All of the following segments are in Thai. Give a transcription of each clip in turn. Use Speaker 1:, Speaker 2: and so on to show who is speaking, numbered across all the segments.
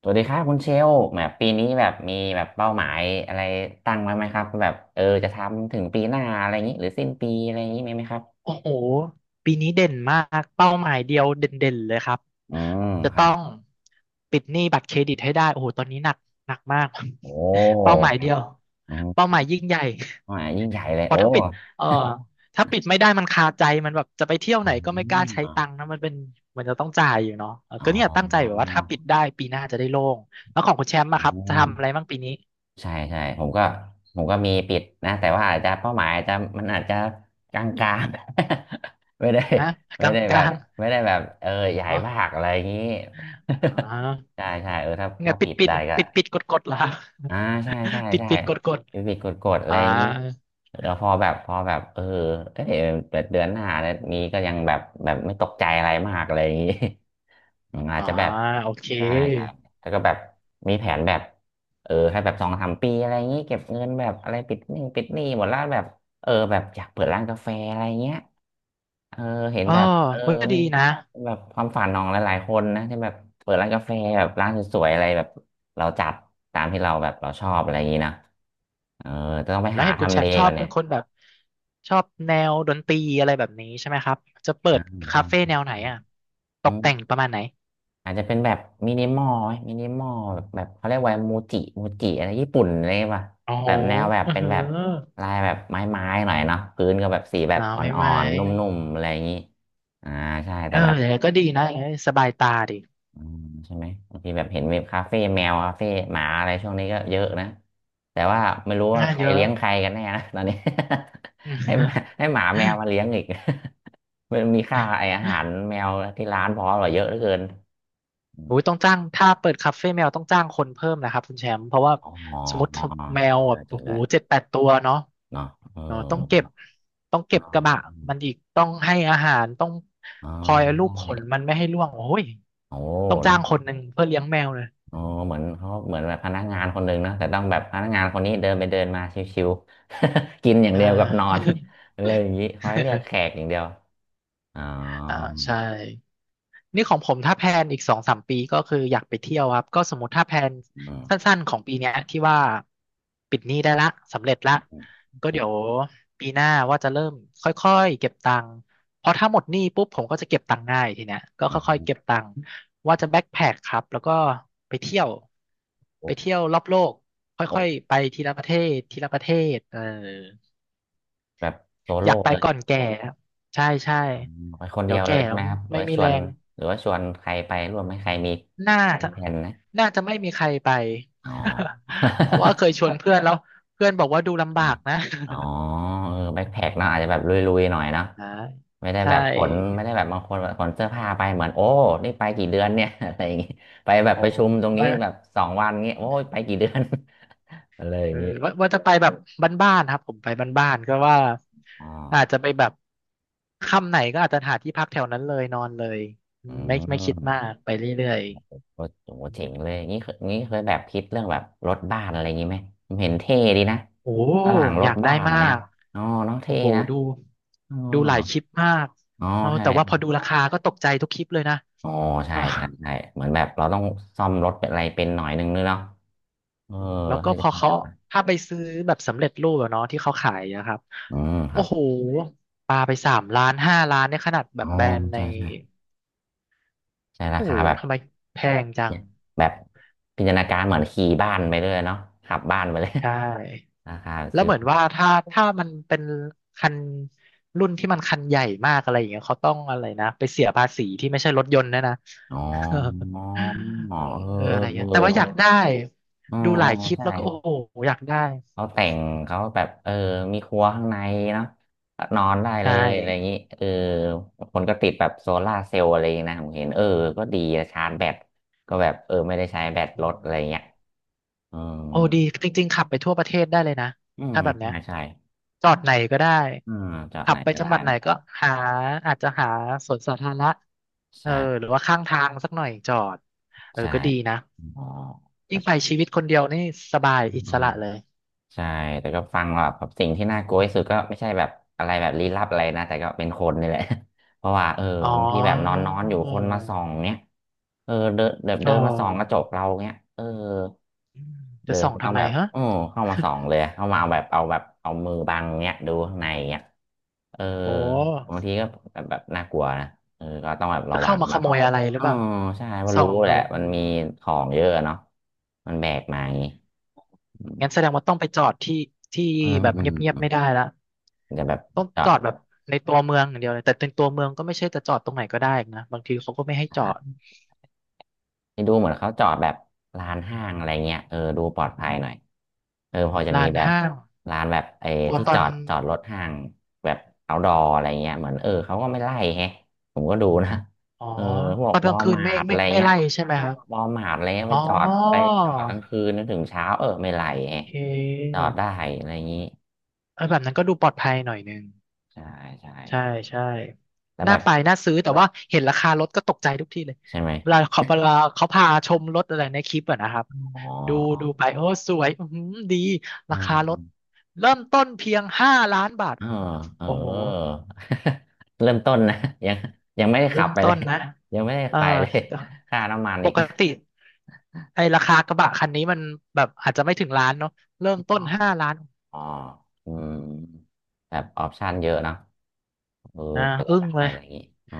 Speaker 1: สวัสดีครับคุณเชลล์แบบปีนี้แบบมีแบบเป้าหมายอะไรตั้งไว้ไหมครับแบบจะทำถึงปีหน้าอะไรอย่างนี้หรือสิ้นปีอะไรอย่างนี้มีไหมครับ
Speaker 2: โอ้โหปีนี้เด่นมากเป้าหมายเดียวเด่นๆเลยครับ
Speaker 1: อืม
Speaker 2: จะ
Speaker 1: ครั
Speaker 2: ต้อ
Speaker 1: บ
Speaker 2: งปิดหนี้บัตรเครดิตให้ได้โอ้โหตอนนี้หนักมาก
Speaker 1: โอ้
Speaker 2: เป้าหมาย
Speaker 1: ครั
Speaker 2: เดี
Speaker 1: บ
Speaker 2: ยว
Speaker 1: อื
Speaker 2: เป้า
Speaker 1: ม
Speaker 2: หมายยิ่งใหญ่
Speaker 1: อ่ายิ่งใหญ่เลย
Speaker 2: เพ
Speaker 1: โอ้
Speaker 2: ราะเอ่อถ้าปิดไม่ได้มันคาใจมันแบบจะไปเที่ยว
Speaker 1: อื
Speaker 2: ไหนก็ไม่กล้าใช้ตังค์
Speaker 1: ม
Speaker 2: นะมันเป็นมันจะต้องจ่ายอยู่เนาะเออ
Speaker 1: อ๋อ
Speaker 2: ก็เนี่ยตั้งใจแบบว่าถ้าปิดได้ปีหน้าจะได้โล่งแล้วของคุณแชมป์
Speaker 1: อื
Speaker 2: อะครับจะทำอะไร
Speaker 1: ม
Speaker 2: บ้างปีนี้
Speaker 1: ใช่ใช่ผมก็มีปิดนะแต่ว่าอาจจะเป้าหมายอาจจะมันอาจจะกลางๆ ไม่ได้
Speaker 2: นะกล
Speaker 1: ไม่ได้แบ
Speaker 2: า
Speaker 1: บ
Speaker 2: ง
Speaker 1: ไม่ได้แบบใหญ่
Speaker 2: ๆอ๋อ
Speaker 1: มากอะไรอย่างนี้
Speaker 2: อ๋ อ
Speaker 1: ใช่ใช่เออถ้า
Speaker 2: ไง
Speaker 1: ถ้า
Speaker 2: ปิ
Speaker 1: ปิ
Speaker 2: ด
Speaker 1: ด
Speaker 2: ปิด
Speaker 1: ได้ก็
Speaker 2: ปิดปิดกดกดเหรอ
Speaker 1: อ่าใช่ใช่
Speaker 2: ปิด
Speaker 1: ใช่
Speaker 2: ปิดกดกด
Speaker 1: ยูบิกดกดๆอะไร
Speaker 2: อ่า
Speaker 1: อย่างนี้แล้วพอแบบเออเอ้ยแบบเดือนหน้าเนี่ยนี้ก็ยังแบบแบบไม่ตกใจอะไรมากอะไรอย่างนี้ อืมอาจ
Speaker 2: อ่า
Speaker 1: จะแบบ
Speaker 2: โอเค
Speaker 1: ใช่ใช่แล้วก็แบบมีแผนแบบให้แบบสองสามปีอะไรอย่างนี้เก็บเงินแบบอะไรปิดหนี้หมดแล้วแบบแบบอยากเปิดร้านกาแฟอะไรเงี้ยเออเห็น
Speaker 2: เออ
Speaker 1: แบบเออ
Speaker 2: เฮ้ยก็
Speaker 1: มั
Speaker 2: ดี
Speaker 1: น
Speaker 2: นะ
Speaker 1: แบบความฝันของหลายๆคนนะที่แบบเปิดร้านกาแฟแบบร้านสวยๆอะไรแบบเราจัดตามที่เราแบบเราชอบอะไรอย่างนี้นะเออจะต้องไป
Speaker 2: แล้ว
Speaker 1: หา
Speaker 2: เห็นคุณ
Speaker 1: ทำ
Speaker 2: แช
Speaker 1: เล
Speaker 2: มป์ชอ
Speaker 1: ก่อ
Speaker 2: บ
Speaker 1: น
Speaker 2: เป็
Speaker 1: เนี่
Speaker 2: น
Speaker 1: ย
Speaker 2: คนแบบชอบแนวดนตรีอะไรแบบนี้ใช่ไหมครับจะเปิ
Speaker 1: อ่า
Speaker 2: ดคา
Speaker 1: ใช่
Speaker 2: เฟ่แนวไหน
Speaker 1: ใช่
Speaker 2: อ่ะต
Speaker 1: อื
Speaker 2: ก
Speaker 1: ม
Speaker 2: แต่งประมาณไหน
Speaker 1: อาจจะเป็นแบบมินิมอลไหมมินิมอลแบบแบบเขาเรียกว่ามูจิมูจิอะไรญี่ปุ่นอะไรป่ะ
Speaker 2: โอ้โห
Speaker 1: แบบแนวแบบ
Speaker 2: อือ
Speaker 1: เป็น
Speaker 2: หือ
Speaker 1: แบบลายแบบไม้ๆหน่อยเนาะพื้นก็แบบสีแบบ
Speaker 2: อา
Speaker 1: อ
Speaker 2: ไม่
Speaker 1: ่
Speaker 2: ไห
Speaker 1: อ
Speaker 2: ม
Speaker 1: นๆนุ่มๆอะไรอย่างนี้อ่าใช่
Speaker 2: เอ
Speaker 1: แต่
Speaker 2: อ
Speaker 1: แบบ
Speaker 2: อย่างนั้นก็ดีนะอย่างนั้นสบายตาดี
Speaker 1: อืมใช่ไหมบางทีแบบเห็นเว็บคาเฟ่แมวคาเฟ่หมาอะไรช่วงนี้ก็เยอะนะแต่ว่าไม่รู้ว่า
Speaker 2: งา
Speaker 1: ใค
Speaker 2: น
Speaker 1: ร
Speaker 2: เยอะ
Speaker 1: เลี้ยงใครกันแน่นะตอนนี้
Speaker 2: อ
Speaker 1: ให้หมา
Speaker 2: ื
Speaker 1: ให้หมาแมวมา
Speaker 2: ม
Speaker 1: เลี้ยงอีก มันมีค่าไออาหารแมวที่ร้านพอหรอเยอะเหลือเกินอม
Speaker 2: โอ้ยต้องจ้างถ้าเปิดคาเฟ่แมวต้องจ้างคนเพิ่มนะครับคุณแชมป์เพราะว่า
Speaker 1: อ๋อ
Speaker 2: สมมติ
Speaker 1: จริง
Speaker 2: แมวแบ
Speaker 1: ด้ว
Speaker 2: บ
Speaker 1: ยจริ
Speaker 2: โอ้
Speaker 1: ง
Speaker 2: โห
Speaker 1: ด้วย
Speaker 2: 7-8 ตัวเนาะ
Speaker 1: เนาะเอ
Speaker 2: เนาะต้องเก็บ
Speaker 1: อ
Speaker 2: ต้องเก็บ
Speaker 1: อ๋อ
Speaker 2: กระบะมันอีกต้องให้อาหารต้อง
Speaker 1: อ๋อ
Speaker 2: คอยลูบขนมั
Speaker 1: ใช่
Speaker 2: นไม่ให้ร่วงโอ้ย
Speaker 1: โอ้
Speaker 2: ต้องจ้า
Speaker 1: เนาะ
Speaker 2: งคนหนึ่งเพื่อเลี้ยงแมวเลย
Speaker 1: อ๋อเหมือนเขาเหมือนแบบพนักงานคนหนึ่งเนอะแต่ต้องแบบพนักงานคนนี้เดินไปเดินมาชิวๆ กินอย่าง
Speaker 2: อ่
Speaker 1: เดียวกับนอน
Speaker 2: า
Speaker 1: เลยอย่างนี้คอยเรียกแขกอย่างเดียวอ๋อ
Speaker 2: อ่าใช่ นี่ของผมถ้าแพลนอีก2-3 ปีก็คืออยากไปเที่ยวครับก็สมมติถ้าแพลน
Speaker 1: อือม
Speaker 2: สั้นๆของปีเนี้ยที่ว่าปิดหนี้ได้ละสำเร็จละ
Speaker 1: โอ
Speaker 2: ก็เดี๋ยว
Speaker 1: เค
Speaker 2: ปีหน้าว่าจะเริ่มค่อยๆเก็บตังค์เพราะถ้าหมดหนี้ปุ๊บผมก็จะเก็บตังค์ง่ายทีเนี้ยก็
Speaker 1: อื
Speaker 2: ค่อย
Speaker 1: ม
Speaker 2: ๆเก็บตังค์ว่าจะแบ็คแพคครับแล้วก็ไปเที่ยว
Speaker 1: โอ
Speaker 2: ไป
Speaker 1: ้
Speaker 2: เที่ยวรอบโลก
Speaker 1: โอ
Speaker 2: ค่อย
Speaker 1: ้
Speaker 2: ๆไปทีละประเทศทีละประเทศเออ
Speaker 1: แบบโซ
Speaker 2: อ
Speaker 1: โล่
Speaker 2: ยากไป
Speaker 1: เลย
Speaker 2: ก่อนแก่ครับใช่ใช่
Speaker 1: อืมไปคน
Speaker 2: เดี๋
Speaker 1: เดี
Speaker 2: ย
Speaker 1: ย
Speaker 2: ว
Speaker 1: วเล
Speaker 2: แก่
Speaker 1: ยใช่
Speaker 2: แล้
Speaker 1: ไห
Speaker 2: ว
Speaker 1: มครับหรือ
Speaker 2: ไม่
Speaker 1: ว่า
Speaker 2: มี
Speaker 1: ช
Speaker 2: แร
Speaker 1: วน
Speaker 2: ง
Speaker 1: หรือว่าชวนใครไปร่วมไหมใครมี
Speaker 2: น่า
Speaker 1: มี
Speaker 2: จะ
Speaker 1: แผนนะ
Speaker 2: น่าจะไม่มีใครไป
Speaker 1: อ๋อ
Speaker 2: เพราะว่าเค ยชวนเพื่อนแล้วเพื่อนบอกว่าดูลำ
Speaker 1: อ่ะ
Speaker 2: บากนะ
Speaker 1: อ๋อแบ็คแพ็คเนาะอาจจะแบบลุยๆหน่อยเนาะ
Speaker 2: อ่
Speaker 1: ไม่ได้
Speaker 2: ใช่
Speaker 1: แบบขนไม่ได้แบบบางคนแบบขนเสื้อผ้าไปเหมือนโอ้นี่ไปกี่เดือนเนี่ย อะไรอย่างงี้ไปแบบ
Speaker 2: โอ๋
Speaker 1: ประชุมตรงนี้
Speaker 2: ไม่
Speaker 1: แบบสองวันเงี้ยโอ้ยไปกี่เดือน อะไรอ
Speaker 2: เอ
Speaker 1: ย่า
Speaker 2: อ
Speaker 1: งงี้
Speaker 2: ว่าจะไปแบบบ้านๆครับผมไปบ้านๆก็ว่า
Speaker 1: อ๋อ
Speaker 2: อาจจะไปแบบค่ำไหนก็อาจจะหาที่พักแถวนั้นเลยนอนเลยอื
Speaker 1: อื
Speaker 2: มไม่คิดมา
Speaker 1: ม
Speaker 2: กไปเรื่อย
Speaker 1: โอ้โห
Speaker 2: ๆอื
Speaker 1: เจ๋
Speaker 2: ม
Speaker 1: งเลยงี้เคยงี้เคยแบบคิดเรื่องแบบรถบ้านอะไรอย่างงี้ไหมผมเห็นเท่ดีนะ
Speaker 2: โอ้
Speaker 1: ฝรั่งร
Speaker 2: อ
Speaker 1: ถ
Speaker 2: ยากได้
Speaker 1: บ้าน
Speaker 2: มา
Speaker 1: เนี่ย
Speaker 2: ก
Speaker 1: อ๋อเน้อง
Speaker 2: โอ้
Speaker 1: เท่
Speaker 2: โห
Speaker 1: นะ
Speaker 2: ดู
Speaker 1: อ๋อ
Speaker 2: ดูหลายคลิปมาก
Speaker 1: อ๋อ
Speaker 2: เอาแต่ว่าพอ
Speaker 1: ใช่
Speaker 2: ดูราคาก็ตกใจทุกคลิปเลยนะ
Speaker 1: อ๋อ ใช่
Speaker 2: อ่า
Speaker 1: ใช่ใช่เหมือนแบบเราต้องซ่อมรถเป็นอะไรเป็นหน่อยนึงเนาะ เออ
Speaker 2: แล้วก็
Speaker 1: ถ้า
Speaker 2: พ
Speaker 1: จะ
Speaker 2: อ
Speaker 1: ต้อง
Speaker 2: เขา
Speaker 1: จับมา
Speaker 2: ถ้าไปซื้อแบบสำเร็จรูปอะเนาะที่เขาขายนะครับ
Speaker 1: อืมค
Speaker 2: โอ้
Speaker 1: รับ
Speaker 2: โหปลาไป3 ล้านห้าล้านเนี่ยขนาดแบ
Speaker 1: อ๋
Speaker 2: บ
Speaker 1: อ
Speaker 2: แบรนด์ใน
Speaker 1: ใช่ใช่ใช่รา
Speaker 2: โอ้โห
Speaker 1: คาแบบ
Speaker 2: ทำไมแพงจั
Speaker 1: เนี่
Speaker 2: ง
Speaker 1: ยแบบพิจารณาการเหมือนขี่บ้านไปเลยเนาะขับบ้านไปเลย
Speaker 2: ใช่
Speaker 1: ราคา
Speaker 2: แล้ว
Speaker 1: ซื้อ
Speaker 2: เหมือน
Speaker 1: บ้าน
Speaker 2: ว่าถ้ามันเป็นคันรุ่นที่มันคันใหญ่มากอะไรอย่างเงี้ยเขาต้องอะไรนะไปเสียภาษีที่ไม่ใช่รถยนต์นะนะ
Speaker 1: อ๋อ อ๋อ
Speaker 2: เออ
Speaker 1: เออ
Speaker 2: อะไร
Speaker 1: เออ
Speaker 2: เงี้ย
Speaker 1: เออ
Speaker 2: แต่ว่าอ
Speaker 1: เนาะ
Speaker 2: ยากได้
Speaker 1: อ๋อ
Speaker 2: ดูห
Speaker 1: อ๋อ
Speaker 2: ลายคลิป
Speaker 1: ใช่
Speaker 2: แล้วก็โอ้โหอยากได้
Speaker 1: เขาแต่งเขาแบบมีครัวข้างในเนาะนอนได้เล
Speaker 2: ใช่
Speaker 1: ยอะไรอย่างนี้เออคนก็ติดแบบโซลาร์เซลล์อะไรอย่างงี้นะผมเห็นเออก็ดีนะชาร์จแบตก็แบบไม่ได้ใช้แบต
Speaker 2: อื
Speaker 1: รถอะไรอย่างเงี้
Speaker 2: ม
Speaker 1: ยอืม
Speaker 2: โอ้ดีจริงๆขับไปทั่วประเทศได้เลยนะ
Speaker 1: อืม
Speaker 2: ถ้าแบบเนี้ย
Speaker 1: ใช่ใช่
Speaker 2: จอดไหนก็ได้
Speaker 1: อืมจาก
Speaker 2: ขั
Speaker 1: ไหน
Speaker 2: บไป
Speaker 1: ก็
Speaker 2: จัง
Speaker 1: ได้
Speaker 2: หวัดไหน
Speaker 1: นะ
Speaker 2: ก็หาอาจจะหาสวนสาธารณะเออหรื
Speaker 1: ใช่
Speaker 2: อว่าข้างทางสักหน่อยจอดเออ
Speaker 1: ใช่
Speaker 2: ก็ดีนะ
Speaker 1: อ๋อแต่
Speaker 2: ยิ่งไปชีวิตคนเดียวนี่สบาย
Speaker 1: อื
Speaker 2: อิส
Speaker 1: ม
Speaker 2: ระเลย
Speaker 1: ใช่แต่ก็ฟังแบบแบบสิ่งที่น่ากลัวที่สุดก็ไม่ใช่แบบอะไรแบบลี้ลับอะไรนะแต่ก็เป็นคนนี่แหละ เพราะว่า
Speaker 2: อ๋อ
Speaker 1: บางทีแบบนอนนอนอยู่คนมาส่องเนี้ยเออเดินเดิน
Speaker 2: อ๋
Speaker 1: เดิ
Speaker 2: อ
Speaker 1: นมาส่องกระจกเราเนี้ยเออ
Speaker 2: อืมจะ
Speaker 1: เดิน
Speaker 2: ส่อง
Speaker 1: เขาต้
Speaker 2: ทำ
Speaker 1: อง
Speaker 2: ไม
Speaker 1: แบบ
Speaker 2: ฮะ
Speaker 1: โอ้เข้ามาส่อง เลยเข้ามาเอามือบังเนี้ยดูข้างในเนี้ยเออ
Speaker 2: โอ
Speaker 1: บา
Speaker 2: ้
Speaker 1: งทีก็แบบแบบน่ากลัวนะเออก็ต้องแบบ
Speaker 2: จะ
Speaker 1: ระวั
Speaker 2: เข้า
Speaker 1: ง
Speaker 2: มาข
Speaker 1: นะ
Speaker 2: โมยอะไรหรือ
Speaker 1: อ๋อ
Speaker 2: เปล่า
Speaker 1: ใช่เพราะ
Speaker 2: ส่อ
Speaker 1: รู้
Speaker 2: ง
Speaker 1: แห
Speaker 2: ดู
Speaker 1: ละ
Speaker 2: อื
Speaker 1: มัน
Speaker 2: ม
Speaker 1: มีของเยอะเนาะมันแบกมาอย่างงี้
Speaker 2: งั้นแสดงว่าต้องไปจอดที่ที่
Speaker 1: อืม
Speaker 2: แบบ
Speaker 1: อื
Speaker 2: เงียบๆไม่
Speaker 1: ม
Speaker 2: ได้ละ
Speaker 1: จะแบบ
Speaker 2: ต้อง
Speaker 1: จอ
Speaker 2: จอด
Speaker 1: ด
Speaker 2: แบบในตัวเมืองอย่างเดียวเลยแต่ในตัวเมืองก็ไม่ใช่จะจอดตรงไหนก็ได้อีกนะบางทีเขาก็ไม่ให้จอ
Speaker 1: อ่
Speaker 2: ด
Speaker 1: านี่ดูเหมือนเขาจอดแบบลานห้างอะไรเงี้ยเออดูปลอดภัยหน่อยเออพอจะมี
Speaker 2: ลาน
Speaker 1: แบบ
Speaker 2: ห้าง
Speaker 1: ลานแบบไอ้
Speaker 2: กลัว
Speaker 1: ที่
Speaker 2: ตอ
Speaker 1: จอ
Speaker 2: น
Speaker 1: ดรถห้างแบบเอาดออะไรเงี้ยเหมือนเออเขาก็ไม่ไล่แฮะผมก็ดูนะ
Speaker 2: อ๋อ
Speaker 1: เออพว
Speaker 2: ต
Speaker 1: ก
Speaker 2: อน
Speaker 1: ว
Speaker 2: ก
Speaker 1: อ
Speaker 2: ลาง
Speaker 1: ล
Speaker 2: คืน
Speaker 1: มา
Speaker 2: ไม่
Speaker 1: ร์ทอะ
Speaker 2: ไม่
Speaker 1: ไร
Speaker 2: ไม่
Speaker 1: เงี้ย
Speaker 2: ไล่ใช่ไหมครับ
Speaker 1: วอลมาร์ทอะไรเงี้ย
Speaker 2: อ๋อ
Speaker 1: ไปจอดไปจอดกลางคืนจนถึงเช้าเออไม่ไล่
Speaker 2: โอ
Speaker 1: แฮะ
Speaker 2: เค
Speaker 1: จอดได้อะไรอย่างงี้
Speaker 2: เออแบบนั้นก็ดูปลอดภัยหน่อยนึง
Speaker 1: ใช่ใช่
Speaker 2: ใช่ใช่
Speaker 1: แล้วแบ
Speaker 2: น่า
Speaker 1: บ
Speaker 2: ไปน่าซื้อแต่ว่าเห็นราคารถก็ตกใจทุกทีเลย
Speaker 1: ใช่ไหม
Speaker 2: เวลาเขาพาชมรถอะไรในคลิปอะนะครับ
Speaker 1: อ๋
Speaker 2: ดูดู
Speaker 1: อ
Speaker 2: ไปโอ้สวยอือหือดี
Speaker 1: อ๋
Speaker 2: รา
Speaker 1: อ
Speaker 2: คารถเริ่มต้นเพียง5 ล้านบาท
Speaker 1: อ๋อเออ
Speaker 2: โอ้โห
Speaker 1: เริ่มต้นนะยังยังไม่ได้
Speaker 2: เริ่
Speaker 1: ขับ
Speaker 2: ม
Speaker 1: ไปเล
Speaker 2: ต้
Speaker 1: ย
Speaker 2: นนะ
Speaker 1: ยังไม่ได้
Speaker 2: เออ
Speaker 1: ไปเลย
Speaker 2: ก็
Speaker 1: ค่าน้ำมัน
Speaker 2: ป
Speaker 1: อีก
Speaker 2: กติไอ้ราคากระบะคันนี้มันแบบอาจจะไม่ถึงล้านเนาะเริ่ ม
Speaker 1: อ๋
Speaker 2: ต้
Speaker 1: อ
Speaker 2: นห้าล้าน
Speaker 1: อ๋ออืมแบบออปชันเยอะเนอะเออ
Speaker 2: อ่า
Speaker 1: ก็จะ
Speaker 2: อึ้ง
Speaker 1: ได้
Speaker 2: เลย
Speaker 1: อะไรอย่างงี้อ๋อ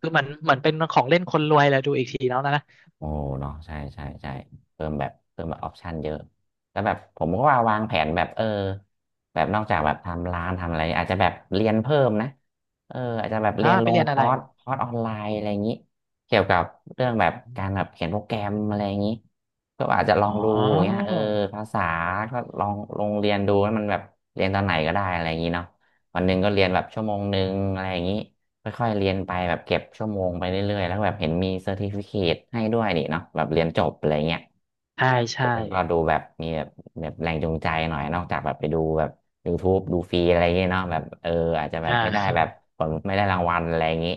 Speaker 2: คือเหมือนเป็นของเล่นคนรวยเลยดูอีกทีแล้วนะนะ
Speaker 1: โอ้เนาะใช่ใช่ใช่เพิ่มแบบออปชันเยอะแล้วแบบผมก็ว่าวางแผนแบบเออแบบนอกจากแบบทำร้านทำอะไรอาจจะแบบเรียนเพิ่มนะเอออาจจะแบบ
Speaker 2: อ่า
Speaker 1: เรียนล
Speaker 2: ไป
Speaker 1: ง
Speaker 2: เรียน
Speaker 1: ค
Speaker 2: อะ
Speaker 1: อ
Speaker 2: ไร
Speaker 1: ร์สคอร์สออนไลน์อะไรอย่างนี้เกี่ยวกับเรื่องแบบการแบบเขียนโปรแกรมอะไรอย่างนี้ก็อาจจะลอ
Speaker 2: อ๋อ
Speaker 1: งดูอย่างเงี้ยเออภาษาก็ลองลงเรียนดูให้มันแบบเรียนตอนไหนก็ได้อะไรอย่างนี้เนาะวันหนึ่งก็เรียนแบบชั่วโมงหนึ่งอะไรอย่างนี้ ค่อยๆเรียนไปแบบเก็บชั่วโมงไปเรื่อยๆแล้วแบบเห็นมีเซอร์ติฟิเคตให้ด้วยนี่เนาะแบบเรียนจบอะไรเงี้ย
Speaker 2: ใช่ใช่
Speaker 1: มันก็ดูแบบมีแบบแบบแรงจูงใจหน่อยนอกจากแบบไปดูแบบ YouTube ดูฟรีอะไรเงี้ยเนาะแบบเอออาจจะแบ
Speaker 2: อ่า
Speaker 1: บไม่ ได้แบบ
Speaker 2: ใช่
Speaker 1: ผลไม่ได้รางวัลอะไรอย่างงี้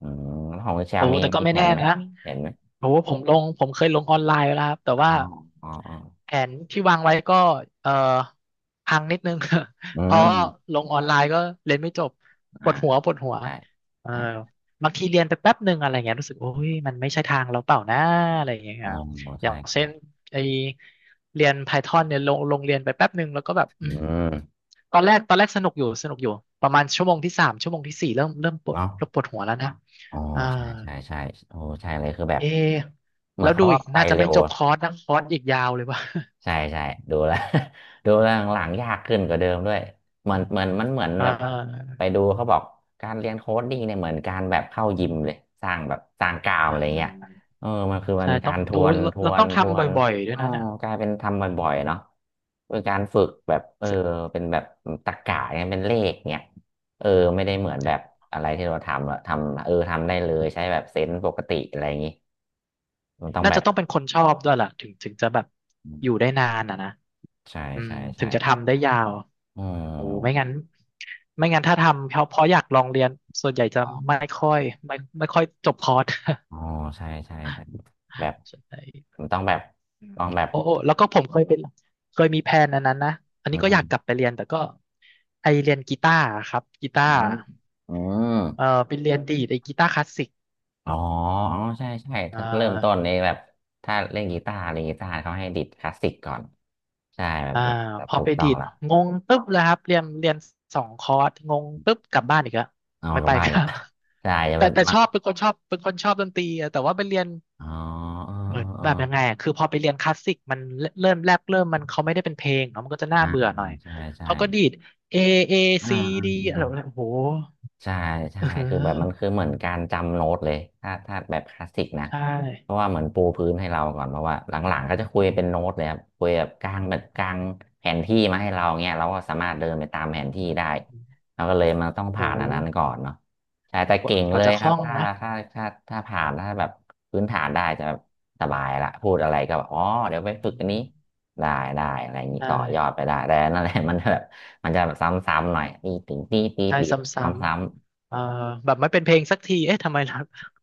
Speaker 1: อืมแล้วของคุณเช
Speaker 2: โอ้
Speaker 1: ลมี
Speaker 2: แต่ก็
Speaker 1: มี
Speaker 2: ไม่
Speaker 1: แผ
Speaker 2: แน่
Speaker 1: นไหม
Speaker 2: นะ
Speaker 1: เห็นไหม
Speaker 2: โอ้ผมเคยลงออนไลน์ไปแล้วครับแต่
Speaker 1: อ๋อ
Speaker 2: ว่า
Speaker 1: อ๋ออ๋อ
Speaker 2: แผนที่วางไว้ก็เอ่อพังนิดนึง
Speaker 1: อื
Speaker 2: เพราะ
Speaker 1: ม
Speaker 2: ลงออนไลน์ก็เรียนไม่จบป
Speaker 1: อ่า
Speaker 2: วดหัวปวดหัว
Speaker 1: ใช่
Speaker 2: เออ
Speaker 1: ใช่
Speaker 2: บางทีเรียนไปแป๊บหนึ่งอะไรเงี้ยรู้สึกโอ้ยมันไม่ใช่ทางเราเปล่านะอะไรอย่างเงี้ย
Speaker 1: อ๋อ
Speaker 2: ครับอ
Speaker 1: ใช่
Speaker 2: ย่างเช่
Speaker 1: ใช่
Speaker 2: นไอเรียน Python เนี่ยลงเรียนไปแป๊บหนึ่งแล้วก็แบบ
Speaker 1: อืม
Speaker 2: ตอนแรกสนุกอยู่ประมาณชั่วโมงที่สามชั่วโมงที่สี่เริ่มปวด
Speaker 1: เนาะ
Speaker 2: เริ่มปวดหัวแล้วนะ
Speaker 1: อ๋อ
Speaker 2: เออ
Speaker 1: ใช่ใช่ใช่โอ้ใช่เลยคือแบบ
Speaker 2: เอะ
Speaker 1: เหมือ
Speaker 2: แล้
Speaker 1: น
Speaker 2: วดู
Speaker 1: เขาก็
Speaker 2: อีก
Speaker 1: ไป
Speaker 2: น่าจะ
Speaker 1: เร็
Speaker 2: ไม่
Speaker 1: ว
Speaker 2: จบคอร์สนะคอร์สอีกยาวเลยว่ะ
Speaker 1: ใช่ใช่ดูแล้ว ดูแล้วหลังๆยากขึ้นกว่าเดิมด้วยเหมือนมันเหมือน
Speaker 2: อ่
Speaker 1: แบบ
Speaker 2: า
Speaker 1: ไปดูเขาบอกการเรียนโค้ดดิ้งเนี่ยเหมือนการแบบเข้ายิมเลยสร้างแบบสร้างกล้าม
Speaker 2: อ่
Speaker 1: อะไรเงี้ย
Speaker 2: า
Speaker 1: เออมันคือมั
Speaker 2: ใช่
Speaker 1: น
Speaker 2: ต้
Speaker 1: กา
Speaker 2: อง
Speaker 1: ร
Speaker 2: โอ้เราต้อง
Speaker 1: ทว
Speaker 2: ทำบ
Speaker 1: น
Speaker 2: ่อยๆด้วย
Speaker 1: อ๋อ
Speaker 2: นะเนี่ย
Speaker 1: กลายเป็นทำบ่อยๆเนาะเป็นการฝึกแบบเออเป็นแบบตรรกะเนี่ยเป็นเลขเนี่ยเออไม่ได้เหมือนแบบอะไรที่เราทำอะทำเออทำได้เลยใช้แบบเซนส์ปกติอะไรอย่างงี้มันต้อง
Speaker 2: น่า
Speaker 1: แบ
Speaker 2: จะ
Speaker 1: บ
Speaker 2: ต้องเป็นคนชอบด้วยล่ะถึงจะแบบอยู่ได้นานอ่ะนะ
Speaker 1: ใช่
Speaker 2: อืม
Speaker 1: ใช่
Speaker 2: ถึ
Speaker 1: ใช่
Speaker 2: งจะทำได้ยาว
Speaker 1: อื
Speaker 2: โอ้ไม่งั้
Speaker 1: ม
Speaker 2: นไม่งั้นถ้าทำเพราะอยากลองเรียนส่วนใหญ่จะ
Speaker 1: อ๋อ
Speaker 2: ไม่ค่อยไม่ค่อยจบคอร์ส
Speaker 1: อ๋อใช่ใช่ใช่แบบ
Speaker 2: ใช่
Speaker 1: มันต้องแบบ
Speaker 2: อืม
Speaker 1: ต้องแบบ
Speaker 2: โอ้แล้วก็ผมเคยเป็นเคยมีแพลนอันนั้นนะอัน
Speaker 1: อื
Speaker 2: นี้ก็อยาก
Speaker 1: ม
Speaker 2: กลับไปเรียนแต่ก็ไอเรียนกีตาร์ครับกีตา
Speaker 1: อื
Speaker 2: ร์
Speaker 1: มอืม
Speaker 2: เออไปเรียนดีดไอกีตาร์คลาสสิก
Speaker 1: อ๋ออ๋อใช่ใช่
Speaker 2: อ่
Speaker 1: ถ้าเริ่มต้น
Speaker 2: า
Speaker 1: นี่แบบถ้าเล่นกีตาร์เขาให้ดิดคลาสสิกก่อนใช่
Speaker 2: อ่า
Speaker 1: แบบ
Speaker 2: พอ
Speaker 1: ถู
Speaker 2: ไป
Speaker 1: กต้อ
Speaker 2: ดี
Speaker 1: ง
Speaker 2: ด
Speaker 1: ละ
Speaker 2: งงตึ๊บเลยครับเรียนสองคอร์สงงตึ๊บกลับบ้านอีกแล้ว
Speaker 1: เอา
Speaker 2: ไม่
Speaker 1: กลั
Speaker 2: ไป
Speaker 1: บบ้าน
Speaker 2: ค
Speaker 1: อีก
Speaker 2: รั
Speaker 1: ละ
Speaker 2: บ
Speaker 1: ใช่จะ เป็น
Speaker 2: แต่
Speaker 1: มั
Speaker 2: ช
Speaker 1: ด
Speaker 2: อบเป็นคนชอบดนตรีอะแต่ว่าไปเรียน
Speaker 1: อ๋อเออ
Speaker 2: เหมือน
Speaker 1: เอ
Speaker 2: แบบยังไง
Speaker 1: อ
Speaker 2: อะคือพอไปเรียนคลาสสิกมันเริ่มมันเขาไม่ได้เป็นเพลงเนาะมันก็จะน่า
Speaker 1: เอออ่า
Speaker 2: เบื่อหน่อย
Speaker 1: ใช่ใช่
Speaker 2: เขาก็ดีด A A
Speaker 1: อ่า
Speaker 2: C
Speaker 1: อ
Speaker 2: D อะไรแบบ
Speaker 1: ่า
Speaker 2: โอ้โห
Speaker 1: ใช่
Speaker 2: เ
Speaker 1: ใช่คือแบบมัน
Speaker 2: ออ
Speaker 1: คือเหมือนการจำโน้ตเลยถ้าแบบคลาสสิกนะ
Speaker 2: ใช่
Speaker 1: เพราะว่าเหมือนปูพื้นให้เราก่อนเพราะว่าหลังๆก็จะคุยเป็นโน้ตเลยครับคุยแบบกลางแผนที่มาให้เราเงี้ยเราก็สามารถเดินไปตามแผนที่ได้เราก็เลยมันต้อง
Speaker 2: โอ้
Speaker 1: ผ่าน
Speaker 2: โห
Speaker 1: อันนั้นก่อนเนาะใช่แต่เก่ง
Speaker 2: ก
Speaker 1: เล
Speaker 2: ว่า
Speaker 1: ย
Speaker 2: จะค
Speaker 1: ค
Speaker 2: ล่
Speaker 1: รั
Speaker 2: อ
Speaker 1: บ
Speaker 2: ง
Speaker 1: ถ้า
Speaker 2: นะ
Speaker 1: ถ้าถ้าถ้าผ่านถ้าแบบพื้นฐานได้จะแบบสบายละพูดอะไรก็แบบอ๋อ
Speaker 2: อื
Speaker 1: เดี๋ยวไปฝึกอันนี้
Speaker 2: ม
Speaker 1: ได้ได้อะไรอย่างนี้
Speaker 2: ใช่
Speaker 1: ต่อยอดไปได้แต่นั่นแหละ มันแบบ มันจะแบบซ้ำๆหน่อยตีถึง
Speaker 2: ใช่
Speaker 1: ตี
Speaker 2: ซ
Speaker 1: ซ
Speaker 2: ้
Speaker 1: ้ำ
Speaker 2: ำๆแบบไม่เป็นเพลงสักทีเอ๊ะ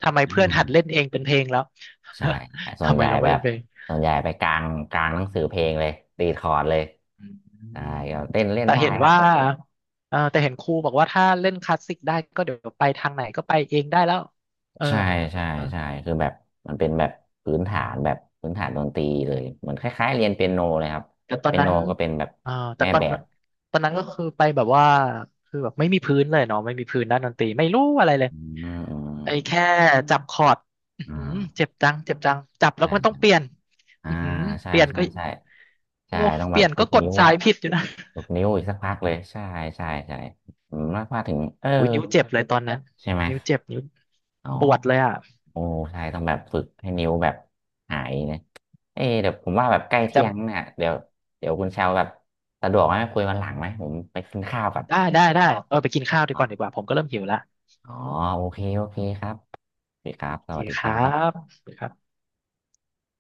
Speaker 2: ทำไม
Speaker 1: ๆอ่
Speaker 2: เพื่อนหัดเล่น
Speaker 1: า
Speaker 2: เองเป็นเพลงแล้ว
Speaker 1: ๆใช่ ส่วน
Speaker 2: ทำ
Speaker 1: ให
Speaker 2: ไม
Speaker 1: ญ่
Speaker 2: เราไม่
Speaker 1: แบ
Speaker 2: เป็
Speaker 1: บ
Speaker 2: นเพลง
Speaker 1: ส่วนใหญ่ไปกลางหนังสือเพลงเลยตีคอร์ดเลย
Speaker 2: อื
Speaker 1: ได้
Speaker 2: ม
Speaker 1: ก็เต้นเล่น
Speaker 2: แต่
Speaker 1: ได้
Speaker 2: เห็น
Speaker 1: ครับ
Speaker 2: ว่าเออแต่เห็นครูบอกว่าถ้าเล่นคลาสสิกได้ก็เดี๋ยวไปทางไหนก็ไปเองได้แล้วเออ
Speaker 1: ใช่ใช่ใช่คือแบบมันเป็นแบบพื้นฐานแบบพื้นฐานดนตรีเลยเหมือนคล้ายๆเรียนเปียโนเลยครับ
Speaker 2: แต่ตอน
Speaker 1: เปีย
Speaker 2: นั้
Speaker 1: โน
Speaker 2: น
Speaker 1: ก็เป็นแบบ
Speaker 2: เออแต่
Speaker 1: แม่แบบ
Speaker 2: ตอนนั้นก็คือไปแบบว่าคือแบบไม่มีพื้นเลยเนาะไม่มีพื้นด้านดนตรีไม่รู้อะไรเลย
Speaker 1: อืมอืม
Speaker 2: ไอ้แค่จับคอร์ดอื้อหือ
Speaker 1: อ่า
Speaker 2: เจ็บจังจับแล้ว
Speaker 1: ใช่
Speaker 2: ก็มันต้อ
Speaker 1: ใช่
Speaker 2: งเปลี่ยน
Speaker 1: อ่า
Speaker 2: อือหือ
Speaker 1: ใช่
Speaker 2: เปลี่ยน
Speaker 1: ใช่
Speaker 2: ก็
Speaker 1: ใช่ใช่
Speaker 2: โอ้
Speaker 1: ต้อง
Speaker 2: เป
Speaker 1: แบบ
Speaker 2: ลี่ยน
Speaker 1: ฝึ
Speaker 2: ก็
Speaker 1: ก
Speaker 2: กด
Speaker 1: นิ้ว
Speaker 2: สายผิดอยู่นะ
Speaker 1: หกนิ้วอีกสักพักเลยใช่ใช่ใช่ผมว่าถึงเออ
Speaker 2: โอ้ยนิ้วเจ็บเลยตอนนั้น
Speaker 1: ใช่ไหม
Speaker 2: นิ้ว
Speaker 1: อ๋อ
Speaker 2: ปวดเลยอ่ะ
Speaker 1: โอ้ใช่ต้องแบบฝึกให้นิ้วแบบหายนะเออเดี๋ยวผมว่าแบบใกล้
Speaker 2: จำ
Speaker 1: เที่ยงเนี่ยเดี๋ยวเดี๋ยวคุณเชาวแบบสะดวกไหมคุยวันหลังไหมผมไปกินข้าวก่อน
Speaker 2: ได้เออไปกินข้าว
Speaker 1: อ๋อ
Speaker 2: ดีกว่าผมก็เริ่มหิวละ
Speaker 1: อ๋อโอเคโอเคครับสวัสดีครับ
Speaker 2: โอ
Speaker 1: ส
Speaker 2: เค
Speaker 1: วัสดี
Speaker 2: ค
Speaker 1: ค
Speaker 2: รั
Speaker 1: รับ
Speaker 2: บ